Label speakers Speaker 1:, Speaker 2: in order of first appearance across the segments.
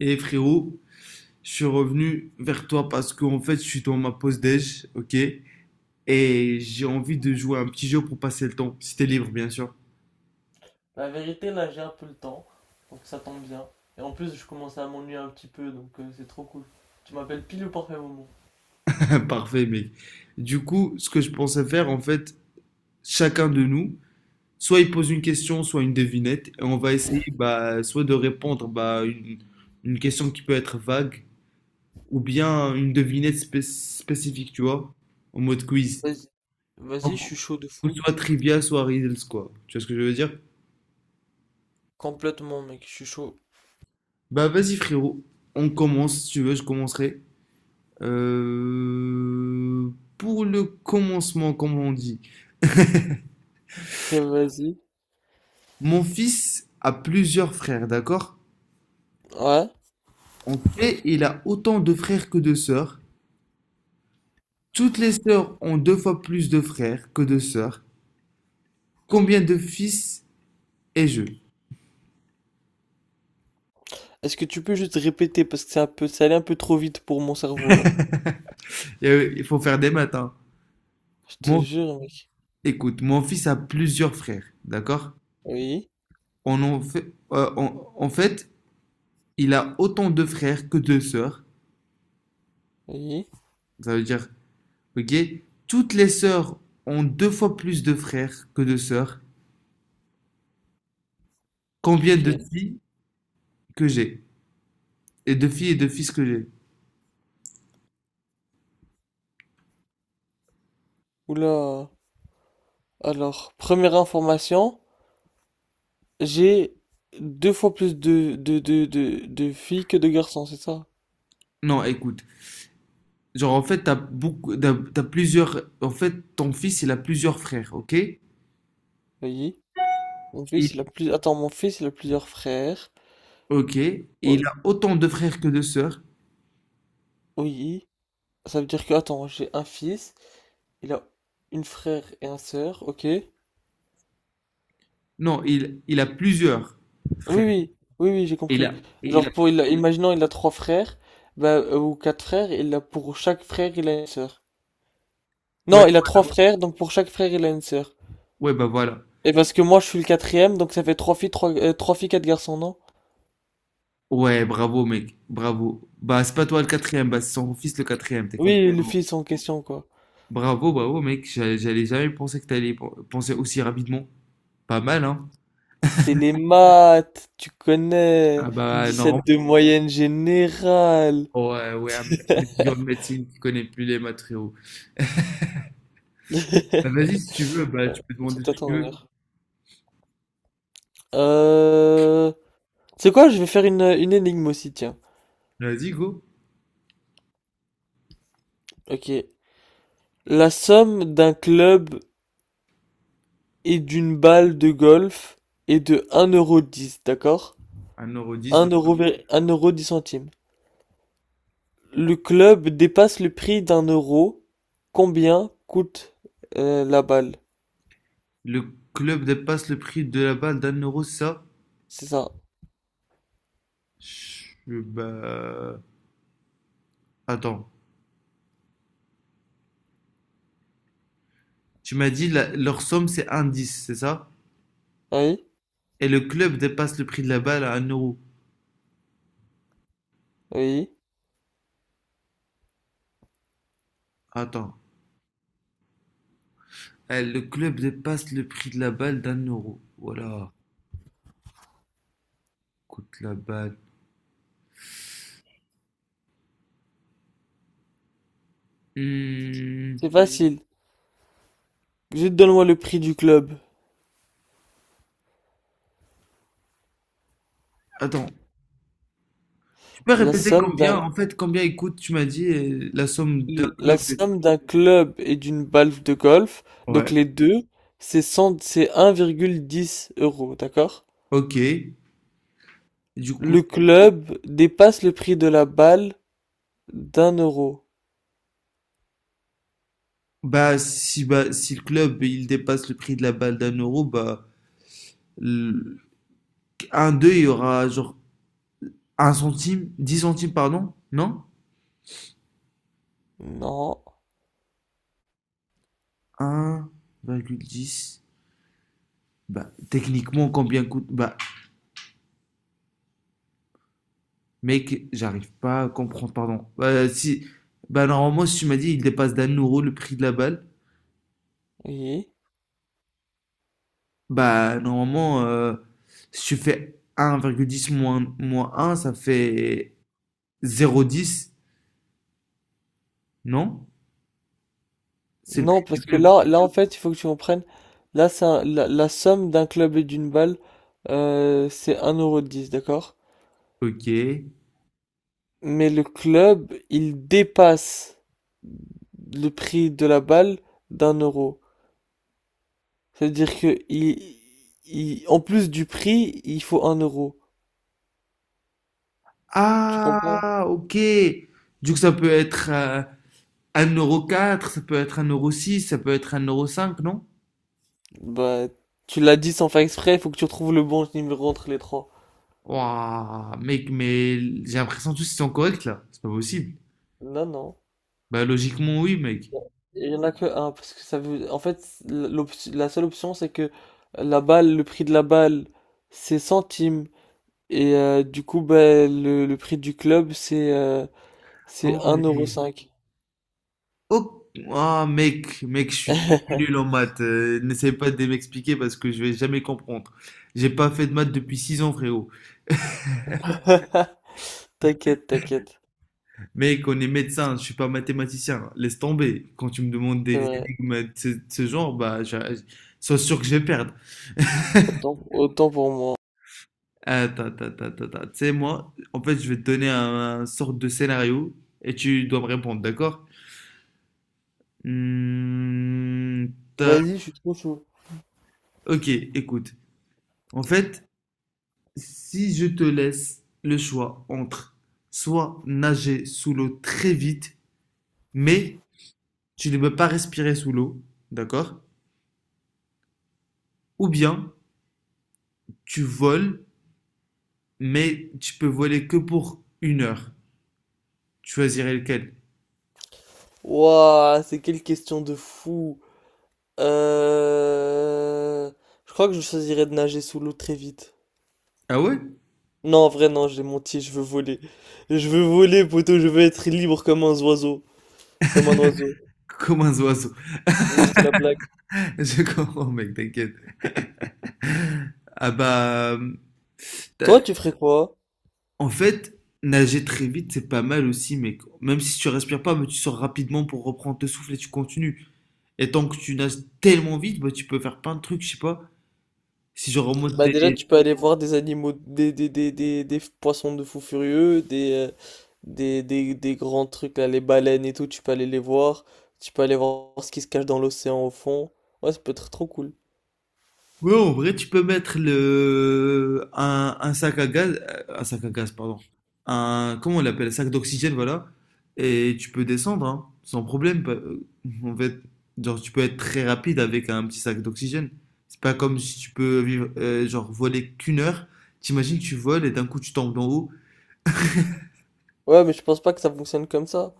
Speaker 1: Et frérot, je suis revenu vers toi parce qu'en fait, je suis dans ma pause déj, ok? Et j'ai envie de jouer à un petit jeu pour passer le temps. Si t'es libre, bien sûr.
Speaker 2: La vérité, là, j'ai un peu le temps, donc ça tombe bien. Et en plus, je commence à m'ennuyer un petit peu, donc c'est trop cool. Tu m'appelles pile au parfait moment.
Speaker 1: Parfait, mec. Du coup, ce que je pensais faire, en fait, chacun de nous, soit il pose une question, soit une devinette, et on va essayer, bah, soit de répondre, bah, une question qui peut être vague, ou bien une devinette spécifique, tu vois, en mode quiz.
Speaker 2: Vas-y.
Speaker 1: Du
Speaker 2: Vas-y, je suis chaud de
Speaker 1: coup,
Speaker 2: fou.
Speaker 1: soit trivia, soit riddles, quoi. Tu vois ce que je veux dire?
Speaker 2: Complètement, mec, je suis chaud.
Speaker 1: Bah vas-y frérot, on commence, si tu veux, je commencerai. Pour le commencement, comme on dit,
Speaker 2: Ça, vas-y.
Speaker 1: mon fils a plusieurs frères, d'accord?
Speaker 2: Ouais.
Speaker 1: En fait, il a autant de frères que de sœurs. Toutes les sœurs ont deux fois plus de frères que de sœurs. Combien de fils ai-je?
Speaker 2: Est-ce que tu peux juste répéter parce que c'est un peu, ça allait un peu trop vite pour mon cerveau là.
Speaker 1: Il faut faire des maths, hein.
Speaker 2: Je te
Speaker 1: Mon-
Speaker 2: jure, mec.
Speaker 1: Écoute, mon fils a plusieurs frères, d'accord?
Speaker 2: Oui,
Speaker 1: On en fait, en en fait, il a autant de frères que de sœurs.
Speaker 2: oui,
Speaker 1: Ça veut dire Ok? Toutes les sœurs ont deux fois plus de frères que de sœurs. Combien de
Speaker 2: ok.
Speaker 1: filles que j'ai? Et de filles et de fils que j'ai?
Speaker 2: Oula. Alors, première information, j'ai deux fois plus de filles que de garçons, c'est ça?
Speaker 1: Non, écoute. Genre, en fait, t'as beaucoup, t'as plusieurs. En fait, ton fils, il a plusieurs frères, ok?
Speaker 2: Oui. Mon fils,
Speaker 1: Il-
Speaker 2: Attends, mon fils, il a plusieurs frères.
Speaker 1: ok. Et
Speaker 2: Oh,
Speaker 1: il a autant de frères que de sœurs.
Speaker 2: oui. Ça veut dire que, attends, j'ai un fils, il a une frère et un sœur, ok? Oui,
Speaker 1: Non, il a plusieurs frères.
Speaker 2: oui, oui, oui, j'ai
Speaker 1: Et il
Speaker 2: compris.
Speaker 1: a, et il a.
Speaker 2: Genre, imaginons, il a trois frères, bah, ou quatre frères, il a, pour chaque frère, il a une sœur.
Speaker 1: Ouais,
Speaker 2: Non, il a trois frères, donc pour chaque frère, il a une sœur.
Speaker 1: ouais, bah voilà.
Speaker 2: Et parce que moi, je suis le quatrième, donc ça fait trois filles, quatre garçons, non?
Speaker 1: Ouais, bravo, mec. Bravo. Bah, c'est pas toi le quatrième, bah, c'est son fils le quatrième, technique.
Speaker 2: Oui, le fils en question, quoi.
Speaker 1: Bravo, bravo, mec. J'allais jamais penser que t'allais penser aussi rapidement. Pas mal, hein?
Speaker 2: C'est les maths, tu connais.
Speaker 1: Ah bah,
Speaker 2: dix
Speaker 1: normalement,
Speaker 2: sept de moyenne générale.
Speaker 1: ouais, ouais, un étudiant de médecine qui connaît plus les matériaux. Bah, vas-y, si tu veux, bah, tu
Speaker 2: Ouais,
Speaker 1: peux demander
Speaker 2: c'est
Speaker 1: ce
Speaker 2: à
Speaker 1: que tu
Speaker 2: ton
Speaker 1: veux.
Speaker 2: honneur. Euh... C'est quoi? Je vais faire une énigme aussi, tiens.
Speaker 1: Vas-y, go.
Speaker 2: Ok. La somme d'un club et d'une balle de golf est de un euro dix, d'accord?
Speaker 1: Un euro dix.
Speaker 2: Un euro dix centimes. Le club dépasse le prix d'un euro. Combien coûte la balle?
Speaker 1: Le club dépasse le prix de la balle d'un euro, c'est ça?
Speaker 2: C'est ça.
Speaker 1: Je- Bah, attends. Tu m'as dit, leur somme, c'est un dix, c'est ça?
Speaker 2: Oui?
Speaker 1: Et le club dépasse le prix de la balle à un euro.
Speaker 2: Oui?
Speaker 1: Attends. Eh, le club dépasse le prix de la balle d'un euro. Voilà. Coûte la balle. Hmm.
Speaker 2: C'est facile. Juste donne-moi le prix du club.
Speaker 1: Attends, tu peux
Speaker 2: La
Speaker 1: répéter
Speaker 2: somme
Speaker 1: combien,
Speaker 2: d'un...
Speaker 1: en fait, combien il coûte, tu m'as dit, la somme d'un
Speaker 2: La
Speaker 1: club.
Speaker 2: somme d'un club et d'une balle de golf, donc
Speaker 1: Ouais,
Speaker 2: les deux, c'est 100 c'est 1,10 euros, d'accord?
Speaker 1: ok. Du coup,
Speaker 2: Le club dépasse le prix de la balle d'un euro.
Speaker 1: bah, si le club il dépasse le prix de la balle d'un euro, bah, le- un 2 il y aura genre un centime, 10 centimes, pardon, non?
Speaker 2: Non,
Speaker 1: Un virgule dix. Bah, techniquement, combien coûte? Bah, mec, j'arrive pas à comprendre, pardon. Bah, si, bah, normalement, si tu m'as dit, il dépasse d'un euro le prix de la balle,
Speaker 2: oui.
Speaker 1: bah, normalement, si tu fais 1,10 moins un ça fait 0,10, non? C'est le
Speaker 2: Non,
Speaker 1: prix du
Speaker 2: parce que
Speaker 1: club.
Speaker 2: là en fait, il faut que tu comprennes. Là, c'est la somme d'un club et d'une balle, c'est un euro dix, d'accord?
Speaker 1: Ok.
Speaker 2: Mais le club, il dépasse le prix de la balle d'un euro. C'est-à-dire que en plus du prix, il faut un euro. Tu comprends?
Speaker 1: Ah, ok. Du coup, ça peut être un euro quatre, ça peut être un euro six, ça peut être un euro cinq, non?
Speaker 2: Bah, tu l'as dit sans faire exprès, il faut que tu retrouves le bon numéro entre les trois.
Speaker 1: Waouh, mec, mais j'ai l'impression que tous ils sont corrects là. C'est pas possible.
Speaker 2: Non, non.
Speaker 1: Bah, logiquement, oui, mec.
Speaker 2: Il y en a que un, parce que ça veut... En fait, la seule option, c'est que la balle, le prix de la balle, c'est centimes. Et du coup, bah, le prix du club, c'est euh,
Speaker 1: Ah
Speaker 2: c'est un euro
Speaker 1: ouais.
Speaker 2: cinq
Speaker 1: Oh, ah, mec, mec, je suis nul en maths. N'essaie pas de m'expliquer parce que je vais jamais comprendre. J'ai pas fait de maths depuis 6 ans, frérot.
Speaker 2: T'inquiète, t'inquiète.
Speaker 1: Mec, on est médecin, je suis pas mathématicien. Laisse tomber. Quand tu me demandes
Speaker 2: C'est
Speaker 1: des
Speaker 2: vrai.
Speaker 1: énigmes de ce genre, bah, sois sûr que je vais perdre.
Speaker 2: Autant, autant pour moi.
Speaker 1: Attends, attends, attends, attends, attends. Tu sais, moi, en fait, je vais te donner un sorte de scénario et tu dois me répondre, d'accord? Hmm, t'as-
Speaker 2: Vas-y, je suis trop chaud.
Speaker 1: ok, écoute. En fait, si je te laisse le choix entre soit nager sous l'eau très vite, mais tu ne peux pas respirer sous l'eau, d'accord? Ou bien tu voles, mais tu peux voler que pour 1 heure. Tu choisirais lequel?
Speaker 2: Ouah, c'est quelle question de fou. Euh... Je crois que je choisirais de nager sous l'eau très vite.
Speaker 1: Ah ouais?
Speaker 2: Non, en vrai, non, j'ai menti, je veux voler. Je veux voler, poteau, je veux être libre comme un oiseau. Comme un oiseau.
Speaker 1: Comme un oiseau.
Speaker 2: Donc, là, c'était la blague.
Speaker 1: Je comprends, mec, t'inquiète. Ah bah,
Speaker 2: Toi, tu ferais quoi?
Speaker 1: en fait, nager très vite, c'est pas mal aussi, mec. Même si tu respires pas, mais tu sors rapidement pour reprendre le souffle et tu continues. Et tant que tu nages tellement vite, bah, tu peux faire plein de trucs, je sais pas. Si je remonte
Speaker 2: Bah déjà,
Speaker 1: tes...
Speaker 2: tu peux aller voir des animaux, des poissons de fou furieux, des grands trucs, là, les baleines et tout, tu peux aller les voir. Tu peux aller voir ce qui se cache dans l'océan au fond. Ouais, ça peut être trop cool.
Speaker 1: Ouais, en vrai, tu peux mettre le... un sac à gaz, un sac à gaz, pardon. Un, comment on l'appelle? Un sac d'oxygène, voilà. Et tu peux descendre, hein, sans problème. En fait, genre, tu peux être très rapide avec un petit sac d'oxygène. C'est pas comme si tu peux vivre, genre, voler qu'1 heure. T'imagines, tu voles et d'un coup, tu tombes d'en haut.
Speaker 2: Ouais, mais je pense pas que ça fonctionne comme ça.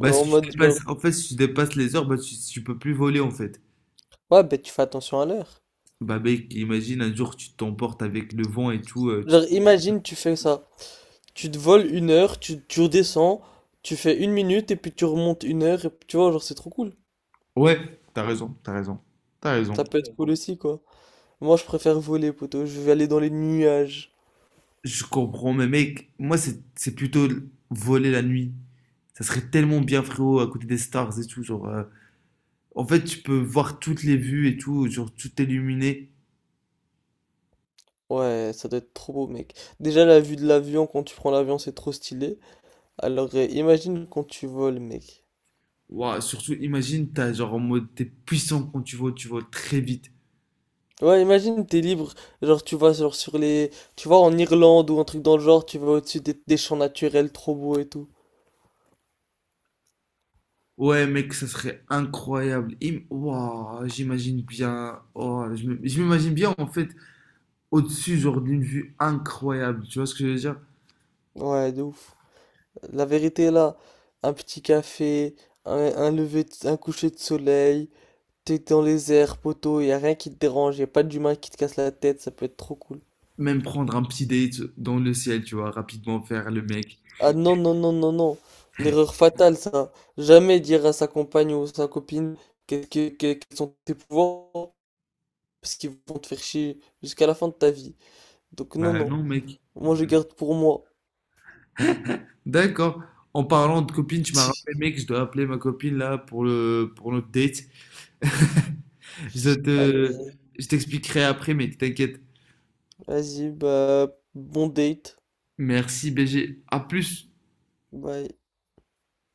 Speaker 1: si
Speaker 2: En
Speaker 1: tu
Speaker 2: mode genre,
Speaker 1: dépasses, en fait, si tu dépasses les heures, bah, tu peux plus voler, en fait.
Speaker 2: ouais, ben tu fais attention à l'heure.
Speaker 1: Bah mec, imagine un jour tu t'emportes avec le vent et tout.
Speaker 2: Genre, imagine, tu fais ça. Tu te voles 1 heure, tu redescends, tu fais 1 minute et puis tu remontes 1 heure. Et, puis, tu vois, genre, c'est trop cool.
Speaker 1: Ouais, t'as raison, t'as raison, t'as raison.
Speaker 2: Ça peut être cool aussi, quoi. Moi, je préfère voler, poto. Je vais aller dans les nuages.
Speaker 1: Je comprends, mais mec, moi c'est plutôt voler la nuit. Ça serait tellement bien, frérot, à côté des stars et tout. Genre, en fait, tu peux voir toutes les vues et tout, genre tout illuminé.
Speaker 2: Ouais, ça doit être trop beau, mec. Déjà, la vue de l'avion, quand tu prends l'avion, c'est trop stylé. Alors, imagine quand tu voles, mec.
Speaker 1: Ouah, surtout, imagine, t'as genre en mode, t'es puissant quand tu voles très vite.
Speaker 2: Ouais, imagine, t'es libre, genre tu vas genre sur les... Tu vas en Irlande ou un truc dans le genre, tu vas au-dessus des champs naturels trop beaux et tout.
Speaker 1: Ouais, mec, ça serait incroyable. Ouah, j'imagine bien. Oh, je m'imagine bien en fait au-dessus, genre, d'une vue incroyable. Tu vois ce que je veux dire?
Speaker 2: Ouais, de ouf. La vérité est là, un petit café, un coucher de soleil, t'es dans les airs, poteau, y a rien qui te dérange, y a pas d'humain qui te casse la tête, ça peut être trop cool.
Speaker 1: Même prendre un petit date dans le ciel, tu vois, rapidement faire le mec.
Speaker 2: Ah non, non, non, non, non, l'erreur fatale ça. Jamais dire à sa compagne ou sa copine quels sont tes pouvoirs, parce qu'ils vont te faire chier jusqu'à la fin de ta vie. Donc non,
Speaker 1: Bah
Speaker 2: non.
Speaker 1: non, mec.
Speaker 2: Moi, je garde pour moi.
Speaker 1: D'accord. En parlant de copine, tu m'as rappelé, mec, je dois appeler ma copine là pour notre date. Je te,
Speaker 2: Allez,
Speaker 1: je t'expliquerai après, mec, t'inquiète.
Speaker 2: vas-y, bah, bon date.
Speaker 1: Merci, BG. À plus.
Speaker 2: Bye.